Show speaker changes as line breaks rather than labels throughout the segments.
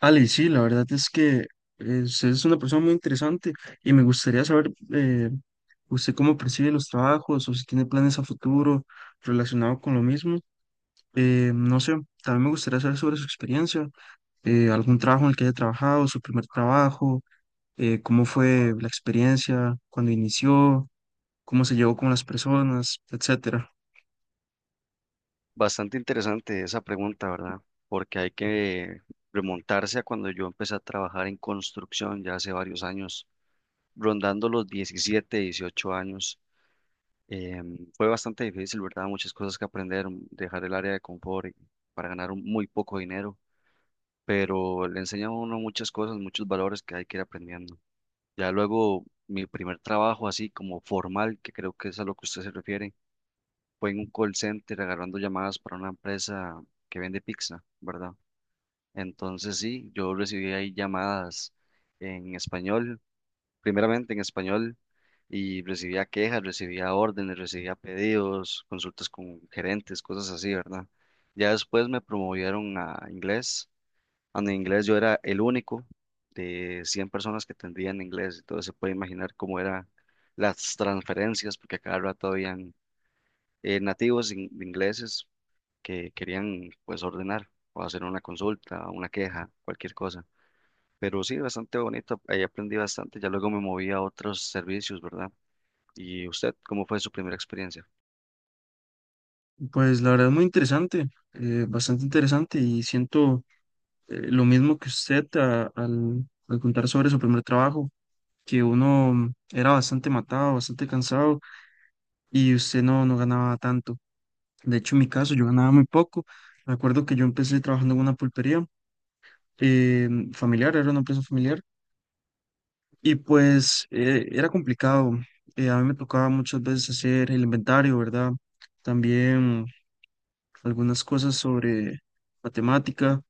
Ale, sí, la verdad es que usted es una persona muy interesante y me gustaría saber, usted cómo percibe los trabajos o si tiene planes a futuro relacionado con lo mismo. No sé, también me gustaría saber sobre su experiencia, algún trabajo en el que haya trabajado, su primer trabajo, cómo fue la experiencia, cuando inició, cómo se llevó con las personas, etcétera.
Bastante interesante esa pregunta, ¿verdad? Porque hay que remontarse a cuando yo empecé a trabajar en construcción ya hace varios años, rondando los 17, 18 años. Fue bastante difícil, ¿verdad? Muchas cosas que aprender, dejar el área de confort para muy poco dinero, pero le enseña a uno muchas cosas, muchos valores que hay que ir aprendiendo. Ya luego, mi primer trabajo así como formal, que creo que es a lo que usted se refiere, fue en un call center agarrando llamadas para una empresa que vende pizza, ¿verdad? Entonces sí, yo recibí ahí llamadas en español, primeramente en español, y recibía quejas, recibía órdenes, recibía pedidos, consultas con gerentes, cosas así, ¿verdad? Ya después me promovieron a inglés, donde en inglés yo era el único de 100 personas que tendrían inglés, entonces se puede imaginar cómo eran las transferencias, porque a cada rato habían nativos ingleses que querían pues ordenar o hacer una consulta, una queja, cualquier cosa. Pero sí, bastante bonito, ahí aprendí bastante, ya luego me moví a otros servicios, ¿verdad? ¿Y usted, cómo fue su primera experiencia?
Pues la verdad es muy interesante, bastante interesante y siento lo mismo que usted al contar sobre su primer trabajo, que uno era bastante matado, bastante cansado y usted no ganaba tanto. De hecho, en mi caso, yo ganaba muy poco. Me acuerdo que yo empecé trabajando en una pulpería familiar, era una empresa familiar, y pues era complicado. A mí me tocaba muchas veces hacer el inventario, ¿verdad? También algunas cosas sobre matemática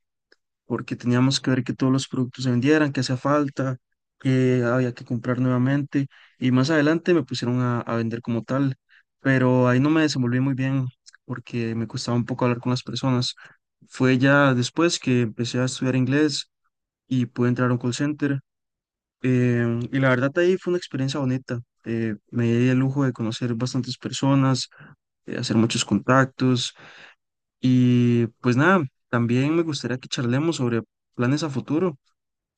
porque teníamos que ver que todos los productos se vendieran, que hacía falta, que había que comprar nuevamente y más adelante me pusieron a vender como tal, pero ahí no me desenvolví muy bien porque me costaba un poco hablar con las personas. Fue ya después que empecé a estudiar inglés y pude entrar a un call center, y la verdad ahí fue una experiencia bonita. Me di el lujo de conocer bastantes personas, hacer muchos contactos y pues nada, también me gustaría que charlemos sobre planes a futuro.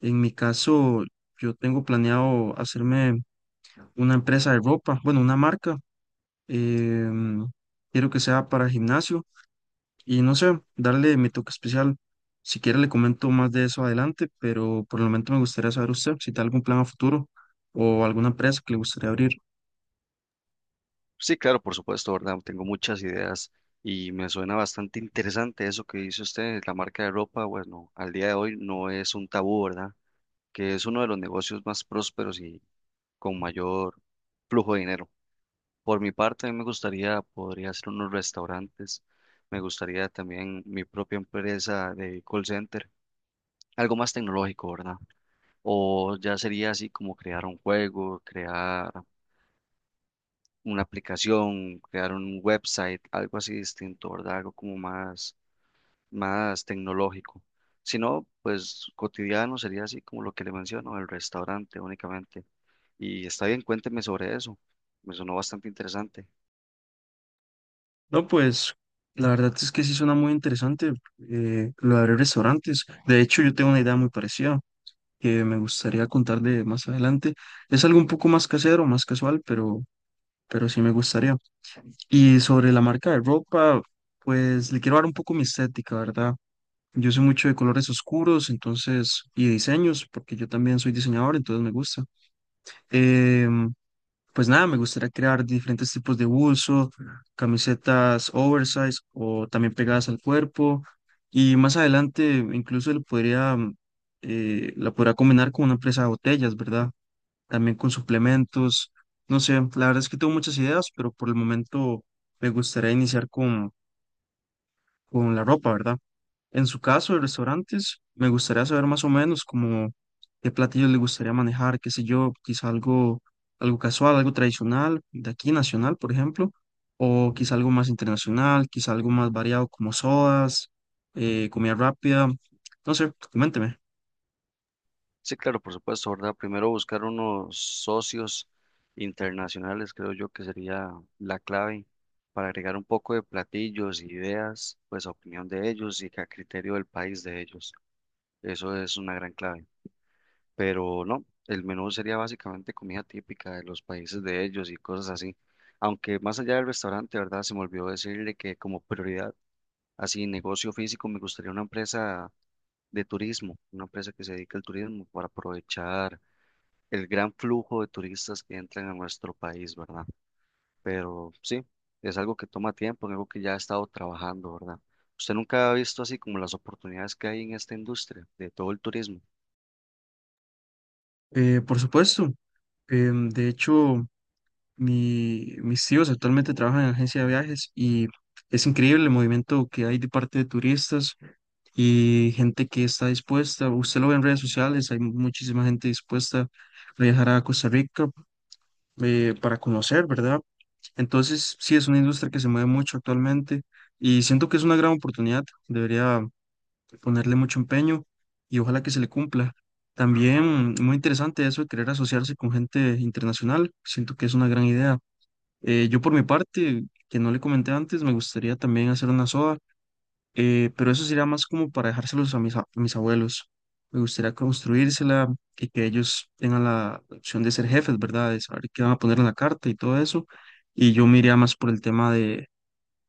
En mi caso, yo tengo planeado hacerme una empresa de ropa, bueno, una marca. em, Quiero que sea para gimnasio y no sé, darle mi toque especial. Si quiere, le comento más de eso adelante, pero por el momento me gustaría saber usted si tiene algún plan a futuro o alguna empresa que le gustaría abrir.
Sí, claro, por supuesto, ¿verdad? Tengo muchas ideas y me suena bastante interesante eso que dice usted, la marca de ropa, bueno, al día de hoy no es un tabú, ¿verdad? Que es uno de los negocios más prósperos y con mayor flujo de dinero. Por mi parte, a mí me gustaría, podría hacer unos restaurantes, me gustaría también mi propia empresa de call center, algo más tecnológico, ¿verdad? O ya sería así como crear un juego, crear una aplicación, crear un website, algo así distinto, ¿verdad? Algo como más, más tecnológico. Si no, pues cotidiano sería así como lo que le menciono, el restaurante únicamente. Y está bien, cuénteme sobre eso, me sonó bastante interesante.
No, pues la verdad es que sí suena muy interesante, lo de abrir restaurantes. De hecho, yo tengo una idea muy parecida que me gustaría contarle más adelante. Es algo un poco más casero, más casual, pero sí me gustaría. Y sobre la marca de ropa, pues le quiero dar un poco mi estética, ¿verdad? Yo soy mucho de colores oscuros, entonces, y diseños, porque yo también soy diseñador, entonces me gusta. Em, pues nada, me gustaría crear diferentes tipos de bolso, camisetas oversize o también pegadas al cuerpo. Y más adelante, incluso le podría, la podría combinar con una empresa de botellas, ¿verdad? También con suplementos. No sé, la verdad es que tengo muchas ideas, pero por el momento me gustaría iniciar con la ropa, ¿verdad? En su caso, de restaurantes, me gustaría saber más o menos como qué platillos le gustaría manejar, qué sé yo, quizá algo, algo casual, algo tradicional, de aquí nacional, por ejemplo, o quizá algo más internacional, quizá algo más variado como sodas, comida rápida, no sé, coménteme.
Sí, claro, por supuesto, ¿verdad? Primero buscar unos socios internacionales, creo yo que sería la clave para agregar un poco de platillos, ideas, pues a opinión de ellos y que a criterio del país de ellos. Eso es una gran clave. Pero no, el menú sería básicamente comida típica de los países de ellos y cosas así. Aunque más allá del restaurante, ¿verdad? Se me olvidó decirle que como prioridad, así negocio físico, me gustaría una empresa de turismo, una empresa que se dedique al turismo para aprovechar el gran flujo de turistas que entran a nuestro país, ¿verdad? Pero sí, es algo que toma tiempo, en algo que ya ha estado trabajando, ¿verdad? ¿Usted nunca ha visto así como las oportunidades que hay en esta industria de todo el turismo?
Por supuesto, de hecho... Mis tíos actualmente trabajan en agencia de viajes y es increíble el movimiento que hay de parte de turistas y gente que está dispuesta. Usted lo ve en redes sociales, hay muchísima gente dispuesta a viajar a Costa Rica, para conocer, ¿verdad? Entonces, sí, es una industria que se mueve mucho actualmente y siento que es una gran oportunidad. Debería ponerle mucho empeño y ojalá que se le cumpla. También muy interesante eso de querer asociarse con gente internacional. Siento que es una gran idea. Yo por mi parte, que no le comenté antes, me gustaría también hacer una soda, pero eso sería más como para dejárselos a a mis abuelos. Me gustaría construírsela y que ellos tengan la opción de ser jefes, ¿verdad? De saber qué van a poner en la carta y todo eso. Y yo me iría más por el tema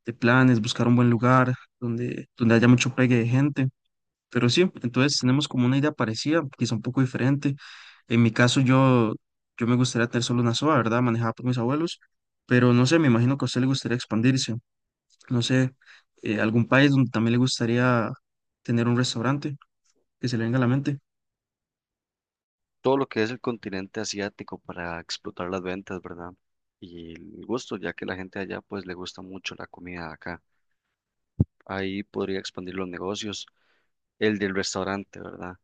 de planes, buscar un buen lugar donde haya mucho pegue de gente. Pero sí, entonces tenemos como una idea parecida, quizá un poco diferente. En mi caso, yo me gustaría tener solo una soda, ¿verdad? Manejada por mis abuelos, pero no sé, me imagino que a usted le gustaría expandirse. No sé, algún país donde también le gustaría tener un restaurante que se le venga a la mente.
Todo lo que es el continente asiático para explotar las ventas, ¿verdad? Y el gusto, ya que la gente allá pues le gusta mucho la comida de acá. Ahí podría expandir los negocios, el del restaurante, ¿verdad?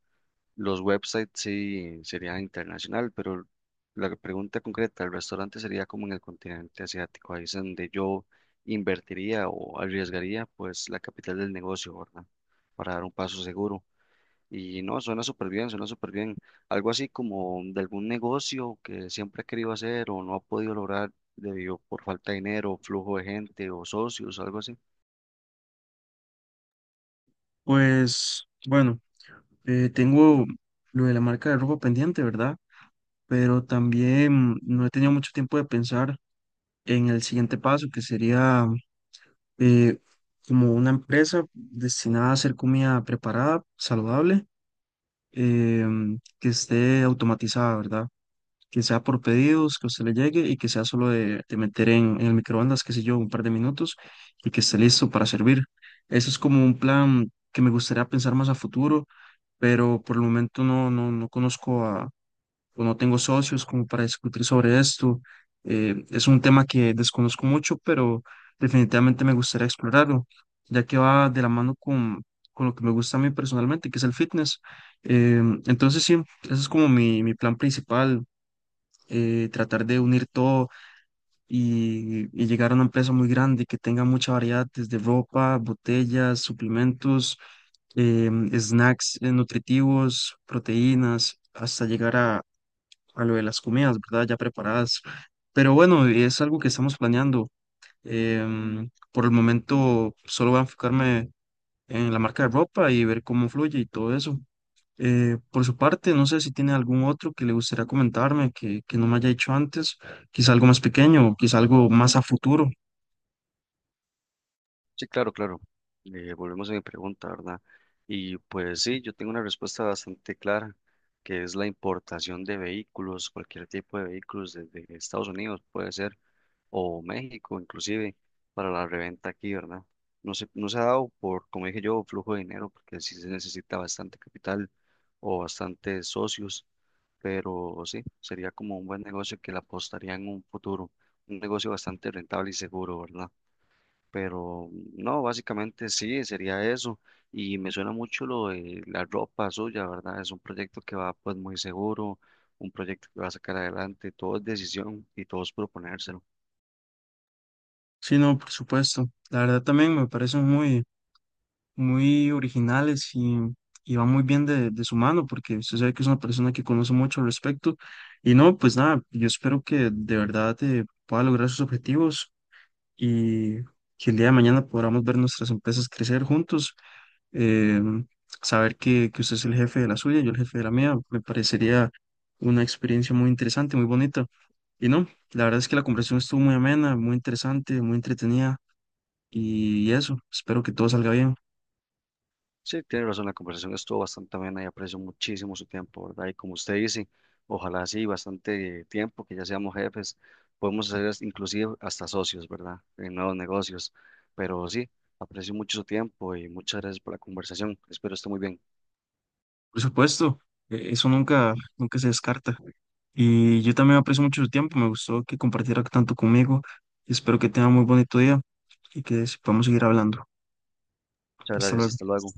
Los websites sí sería internacional, pero la pregunta concreta, el restaurante sería como en el continente asiático, ahí es donde yo invertiría o arriesgaría pues la capital del negocio, ¿verdad? Para dar un paso seguro. Y no, suena súper bien, suena súper bien. Algo así como de algún negocio que siempre ha querido hacer o no ha podido lograr debido por falta de dinero, flujo de gente o socios, algo así.
Pues bueno, tengo lo de la marca de ropa pendiente, ¿verdad? Pero también no he tenido mucho tiempo de pensar en el siguiente paso, que sería eh, como una empresa destinada a hacer comida preparada, saludable, que esté automatizada, ¿verdad? Que sea por pedidos, que a usted le llegue y que sea solo de meter en el microondas, qué sé yo, un par de minutos y que esté listo para servir. Eso es como un plan que me gustaría pensar más a futuro, pero por el momento no conozco o no tengo socios como para discutir sobre esto. Es un tema que desconozco mucho, pero definitivamente me gustaría explorarlo, ya que va de la mano con lo que me gusta a mí personalmente, que es el fitness. Eh, entonces sí, ese es como mi plan principal, tratar de unir todo y llegar a una empresa muy grande que tenga mucha variedad, desde ropa, botellas, suplementos, snacks, nutritivos, proteínas, hasta llegar a lo de las comidas, ¿verdad? Ya preparadas. Pero bueno, es algo que estamos planeando. Por el momento solo voy a enfocarme en la marca de ropa y ver cómo fluye y todo eso. Por su parte, no sé si tiene algún otro que le gustaría comentarme que no me haya dicho antes, quizá algo más pequeño, o quizá algo más a futuro.
Sí, claro, claro. Volvemos a mi pregunta, ¿verdad? Y pues sí, yo tengo una respuesta bastante clara, que es la importación de vehículos, cualquier tipo de vehículos desde Estados Unidos, puede ser, o México inclusive, para la reventa aquí, ¿verdad? No se, no se ha dado por, como dije yo, flujo de dinero, porque sí se necesita bastante capital o bastantes socios, pero sí, sería como un buen negocio que le apostaría en un futuro, un negocio bastante rentable y seguro, ¿verdad? Pero no, básicamente sí, sería eso. Y me suena mucho lo de la ropa suya, ¿verdad? Es un proyecto que va pues muy seguro, un proyecto que va a sacar adelante, todo es decisión y todo es proponérselo.
Sí, no, por supuesto. La verdad también me parece muy, muy originales y va muy bien de su mano, porque usted sabe que es una persona que conoce mucho al respecto. Y no, pues nada, yo espero que de verdad pueda lograr sus objetivos y que el día de mañana podamos ver nuestras empresas crecer juntos. eh, Saber que usted es el jefe de la suya, yo el jefe de la mía, me parecería una experiencia muy interesante, muy bonita. Y no, la verdad es que la conversación estuvo muy amena, muy interesante, muy entretenida. Y eso, espero que todo salga bien.
Sí, tiene razón, la conversación estuvo bastante amena y aprecio muchísimo su tiempo, ¿verdad? Y como usted dice, ojalá sí, bastante tiempo, que ya seamos jefes, podemos ser inclusive hasta socios, ¿verdad? En nuevos negocios. Pero sí, aprecio mucho su tiempo y muchas gracias por la conversación. Espero esté muy bien.
Por supuesto, eso nunca, nunca se descarta. Y yo también aprecio mucho su tiempo, me gustó que compartiera tanto conmigo. Espero que tenga muy bonito día y que podamos seguir hablando.
Muchas
Hasta
gracias,
luego.
hasta luego.